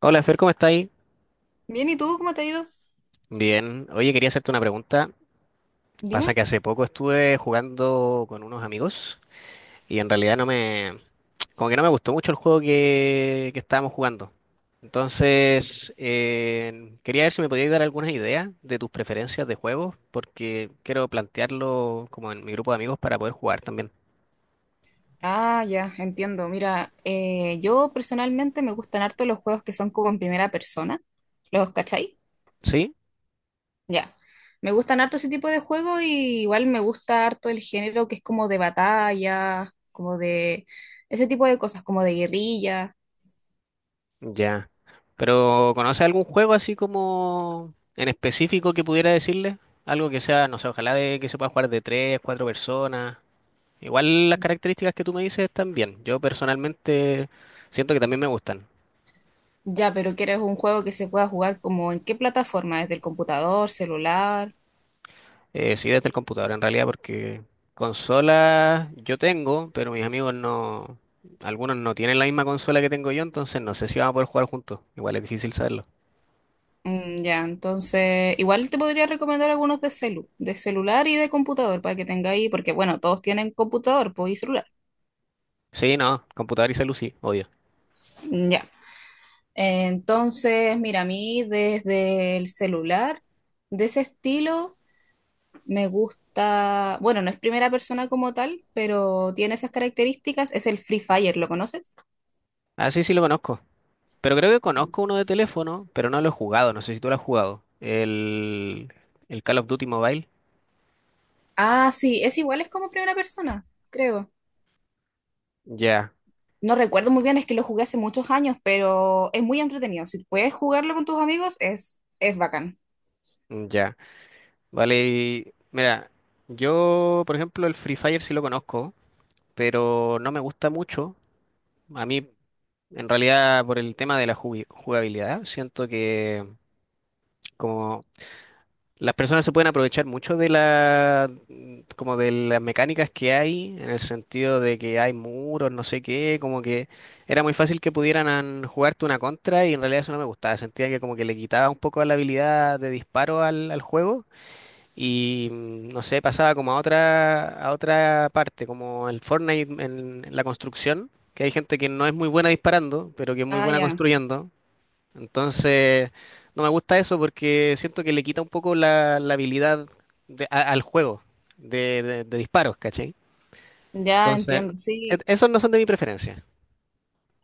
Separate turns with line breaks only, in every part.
Hola, Fer, ¿cómo estáis?
Bien, ¿y tú cómo te ha ido?
Bien. Oye, quería hacerte una pregunta. Pasa
Dime.
que hace poco estuve jugando con unos amigos y en realidad no me, como que no me gustó mucho el juego que estábamos jugando. Entonces, quería ver si me podías dar algunas ideas de tus preferencias de juegos, porque quiero plantearlo como en mi grupo de amigos para poder jugar también.
Ah, ya, entiendo. Mira, yo personalmente me gustan harto los juegos que son como en primera persona. ¿Los cachai?
¿Sí?
Ya. Me gustan harto ese tipo de juegos y igual me gusta harto el género que es como de batalla, como de ese tipo de cosas, como de guerrilla.
Ya. Pero ¿conoce algún juego así como en específico que pudiera decirle? Algo que sea, no sé, ojalá de que se pueda jugar de tres, cuatro personas. Igual las características que tú me dices están bien. Yo personalmente siento que también me gustan.
Ya, pero ¿quieres un juego que se pueda jugar como en qué plataforma? ¿Desde el computador, celular?
Sí, desde el computador en realidad, porque consolas yo tengo, pero mis amigos no, algunos no tienen la misma consola que tengo yo, entonces no sé si vamos a poder jugar juntos. Igual es difícil saberlo.
Mm, ya, entonces, igual te podría recomendar algunos de celular y de computador para que tengáis, porque bueno, todos tienen computador, pues y celular.
Sí, no, computador y celu sí, obvio.
Mm, ya. Entonces, mira, a mí desde el celular, de ese estilo, me gusta, bueno, no es primera persona como tal, pero tiene esas características, es el Free Fire, ¿lo conoces?
Ah, sí, sí lo conozco. Pero creo que conozco uno de teléfono, pero no lo he jugado. No sé si tú lo has jugado. El Call of Duty Mobile.
Ah, sí, es igual, es como primera persona, creo.
Ya,
No recuerdo muy bien, es que lo jugué hace muchos años, pero es muy entretenido. Si puedes jugarlo con tus amigos, es bacán.
ya. Vale, y mira, yo, por ejemplo, el Free Fire sí lo conozco, pero no me gusta mucho. A mí, en realidad, por el tema de la jugabilidad, siento que, como las personas se pueden aprovechar mucho de la, como de las mecánicas que hay, en el sentido de que hay muros, no sé qué, como que era muy fácil que pudieran jugarte una contra y en realidad eso no me gustaba. Sentía que como que le quitaba un poco la habilidad de disparo al juego y no sé, pasaba como a a otra parte, como el Fortnite en la construcción, que hay gente que no es muy buena disparando, pero que es muy
Ah,
buena
ya.
construyendo. Entonces, no me gusta eso porque siento que le quita un poco la habilidad al juego de disparos, ¿cachai?
Ya
Entonces,
entiendo, sí.
esos no son de mi preferencia.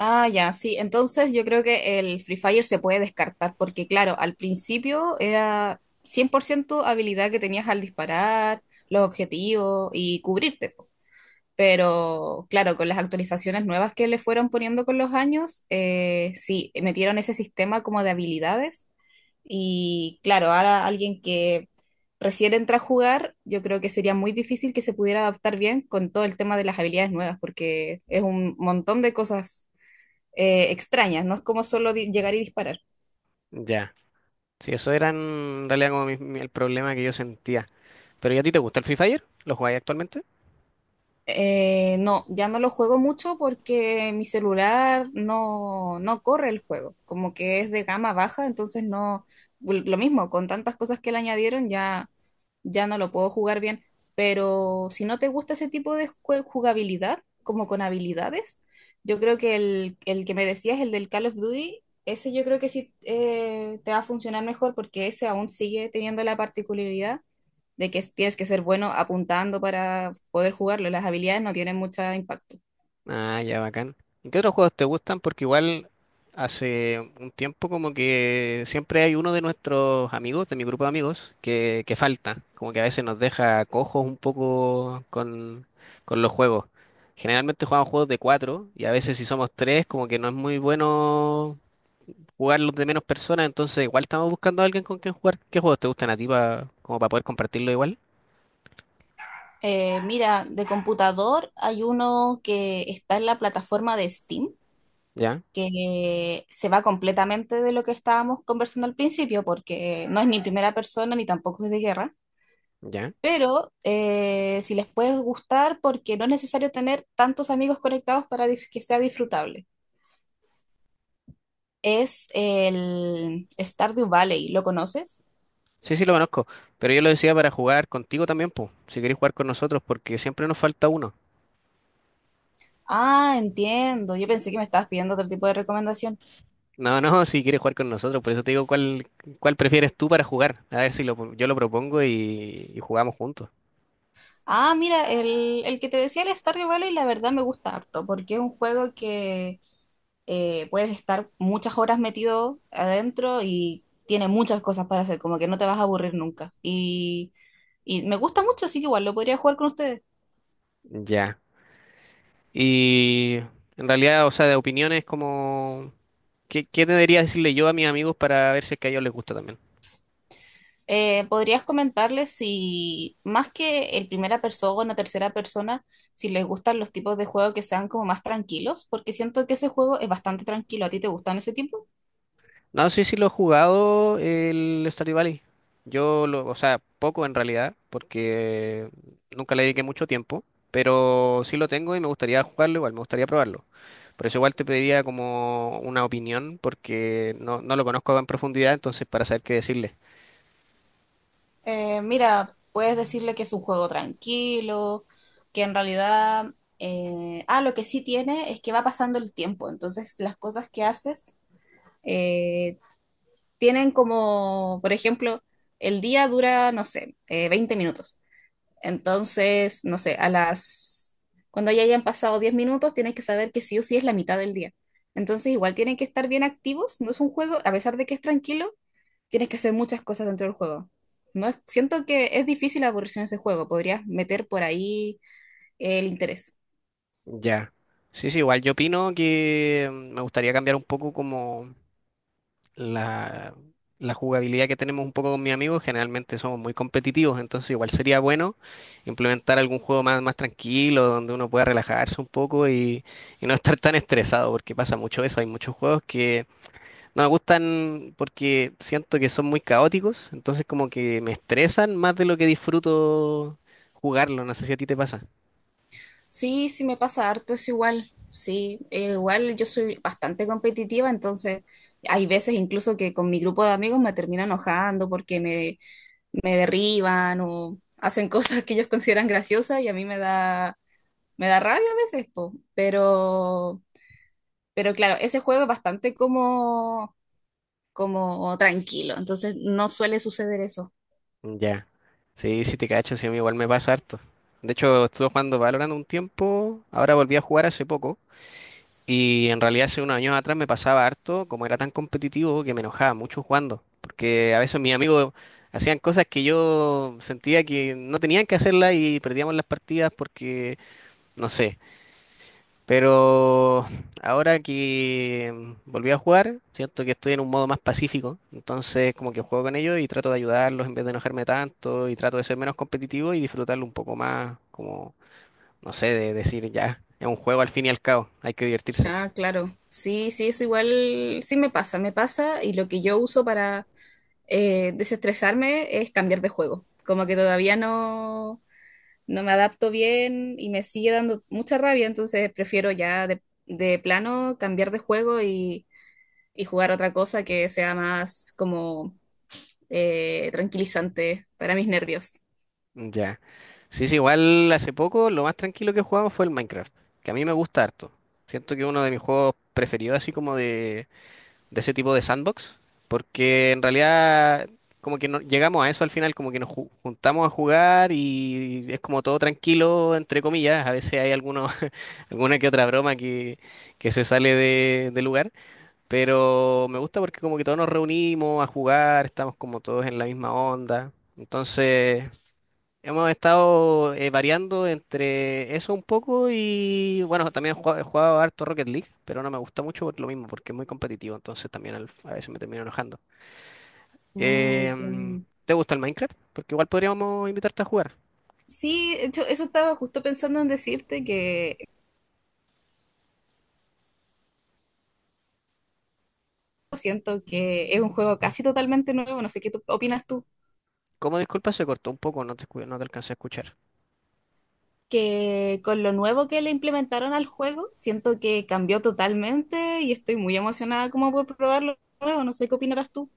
Ah, ya, sí. Entonces yo creo que el Free Fire se puede descartar, porque claro, al principio era 100% habilidad que tenías al disparar, los objetivos y cubrirte, po. Pero claro, con las actualizaciones nuevas que le fueron poniendo con los años, sí, metieron ese sistema como de habilidades. Y claro, ahora alguien que recién entra a jugar, yo creo que sería muy difícil que se pudiera adaptar bien con todo el tema de las habilidades nuevas, porque es un montón de cosas extrañas, no es como solo llegar y disparar.
Ya. Sí, eso era en realidad como el problema que yo sentía. Pero ¿y a ti te gusta el Free Fire? ¿Lo jugáis actualmente?
No, ya no lo juego mucho porque mi celular no, no corre el juego, como que es de gama baja, entonces no, lo mismo, con tantas cosas que le añadieron ya, ya no lo puedo jugar bien, pero si no te gusta ese tipo de jugabilidad, como con habilidades, yo creo que el que me decías, el del Call of Duty, ese yo creo que sí, te va a funcionar mejor porque ese aún sigue teniendo la particularidad de que tienes que ser bueno apuntando para poder jugarlo. Las habilidades no tienen mucho impacto.
Ah, ya bacán. ¿Y qué otros juegos te gustan? Porque igual hace un tiempo como que siempre hay uno de nuestros amigos, de mi grupo de amigos, que falta. Como que a veces nos deja cojos un poco con los juegos. Generalmente jugamos juegos de cuatro y a veces si somos tres como que no es muy bueno jugarlos de menos personas, entonces igual estamos buscando a alguien con quien jugar. ¿Qué juegos te gustan a ti como para poder compartirlo igual?
Mira, de computador hay uno que está en la plataforma de Steam,
Ya,
que se va completamente de lo que estábamos conversando al principio, porque no es ni primera persona ni tampoco es de guerra.
ya.
Pero si les puede gustar, porque no es necesario tener tantos amigos conectados para que sea disfrutable. Es el Stardew Valley, ¿lo conoces?
Sí, sí, lo conozco, pero yo lo decía para jugar contigo también, pues, si quieres jugar con nosotros, porque siempre nos falta uno.
Ah, entiendo. Yo pensé que me estabas pidiendo otro tipo de recomendación.
No, no, si quieres jugar con nosotros, por eso te digo cuál prefieres tú para jugar. A ver si lo, yo lo propongo y jugamos juntos.
Ah, mira, el que te decía el Stardew Valley, la verdad me gusta harto, porque es un juego que puedes estar muchas horas metido adentro y tiene muchas cosas para hacer, como que no te vas a aburrir nunca. Y me gusta mucho, así que igual lo podría jugar con ustedes.
Ya. Y en realidad, o sea, de opiniones como, qué debería decirle yo a mis amigos para ver si es que a ellos les gusta también?
¿Podrías comentarles si, más que el primera persona o tercera persona, si les gustan los tipos de juego que sean como más tranquilos? Porque siento que ese juego es bastante tranquilo. ¿A ti te gustan ese tipo?
No, sí, sí lo he jugado el Stardew Valley. Yo lo, o sea, poco en realidad, porque nunca le dediqué mucho tiempo, pero sí lo tengo y me gustaría jugarlo igual, me gustaría probarlo. Por eso igual te pediría como una opinión, porque no, no lo conozco en profundidad, entonces para saber qué decirle.
Mira, puedes decirle que es un juego tranquilo, que en realidad, lo que sí tiene es que va pasando el tiempo, entonces las cosas que haces eh, tienen como, por ejemplo, el día dura, no sé, 20 minutos. Entonces, no sé, a las... Cuando ya hayan pasado 10 minutos, tienes que saber que sí o sí es la mitad del día. Entonces, igual tienen que estar bien activos. No es un juego, a pesar de que es tranquilo, tienes que hacer muchas cosas dentro del juego. No es- siento que es difícil aburrirse en ese juego. Podrías meter por ahí el interés.
Ya. Sí, sí, igual yo opino que me gustaría cambiar un poco como la, la jugabilidad que tenemos un poco con mis amigos, generalmente somos muy competitivos, entonces igual sería bueno implementar algún juego más tranquilo, donde uno pueda relajarse un poco y no estar tan estresado, porque pasa mucho eso, hay muchos juegos que no me gustan porque siento que son muy caóticos, entonces como que me estresan más de lo que disfruto jugarlo, no sé si a ti te pasa.
Sí, sí me pasa harto, es igual. Sí, igual yo soy bastante competitiva, entonces hay veces incluso que con mi grupo de amigos me termino enojando porque me derriban o hacen cosas que ellos consideran graciosas y a mí me me da rabia a veces, po. Pero claro, ese juego es bastante como tranquilo, entonces no suele suceder eso.
Ya. Sí, sí te cacho, sí, a mí igual me pasa harto. De hecho, estuve jugando Valorant un tiempo, ahora volví a jugar hace poco. Y en realidad hace unos años atrás me pasaba harto, como era tan competitivo, que me enojaba mucho jugando, porque a veces mis amigos hacían cosas que yo sentía que no tenían que hacerlas y perdíamos las partidas porque, no sé. Pero ahora que volví a jugar, siento que estoy en un modo más pacífico, entonces como que juego con ellos y trato de ayudarlos en vez de enojarme tanto y trato de ser menos competitivo y disfrutarlo un poco más, como, no sé, de decir ya, es un juego al fin y al cabo, hay que divertirse.
Ah, claro, sí, sí, es igual, sí me pasa y lo que yo uso para desestresarme es cambiar de juego, como que todavía no, no me adapto bien y me sigue dando mucha rabia, entonces prefiero ya de plano cambiar de juego y jugar otra cosa que sea más como tranquilizante para mis nervios.
Ya. Sí, sí, igual hace poco lo más tranquilo que jugamos fue el Minecraft, que a mí me gusta harto. Siento que es uno de mis juegos preferidos, así como de ese tipo de sandbox, porque en realidad como que no, llegamos a eso al final, como que nos juntamos a jugar y es como todo tranquilo, entre comillas. A veces hay algunos, alguna que otra broma que se sale de lugar, pero me gusta porque como que todos nos reunimos a jugar, estamos como todos en la misma onda. Entonces, hemos estado variando entre eso un poco y bueno, también he jugado harto Rocket League, pero no me gusta mucho por lo mismo, porque es muy competitivo, entonces también a veces me termino enojando.
Mm,
Em,
entiendo.
¿te gusta el Minecraft? Porque igual podríamos invitarte a jugar.
Sí, de hecho, eso estaba justo pensando en decirte que siento que es un juego casi totalmente nuevo, no sé qué opinas tú,
Como disculpa, se cortó un poco, no te, no te alcancé a escuchar.
que con lo nuevo que le implementaron al juego, siento que cambió totalmente y estoy muy emocionada como por probarlo nuevo, no sé qué opinarás tú.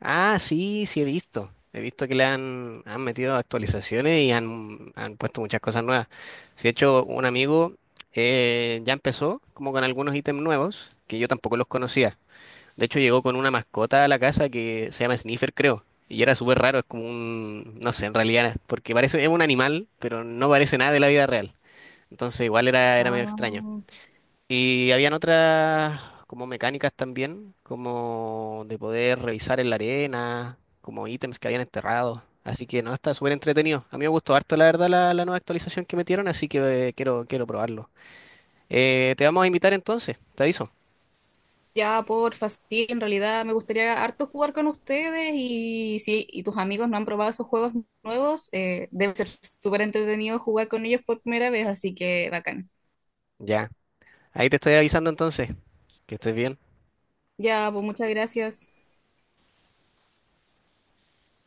Ah, sí, sí he visto. He visto que le han metido actualizaciones y han puesto muchas cosas nuevas. Si de hecho, un amigo ya empezó como con algunos ítems nuevos que yo tampoco los conocía. De hecho, llegó con una mascota a la casa que se llama Sniffer, creo. Y era súper raro, es como un, no sé, en realidad, porque parece, es un animal, pero no parece nada de la vida real. Entonces igual era medio extraño.
Ah.
Y habían otras como mecánicas también, como de poder revisar en la arena, como ítems que habían enterrado. Así que no, está súper entretenido. A mí me gustó harto, la verdad, la nueva actualización que metieron, así que quiero probarlo. Te vamos a invitar entonces, te aviso.
Ya, porfa, sí, en realidad me gustaría harto jugar con ustedes y si tus amigos no han probado esos juegos nuevos, debe ser súper entretenido jugar con ellos por primera vez, así que bacán.
Ya, ahí te estoy avisando entonces, que estés bien.
Ya, pues muchas gracias.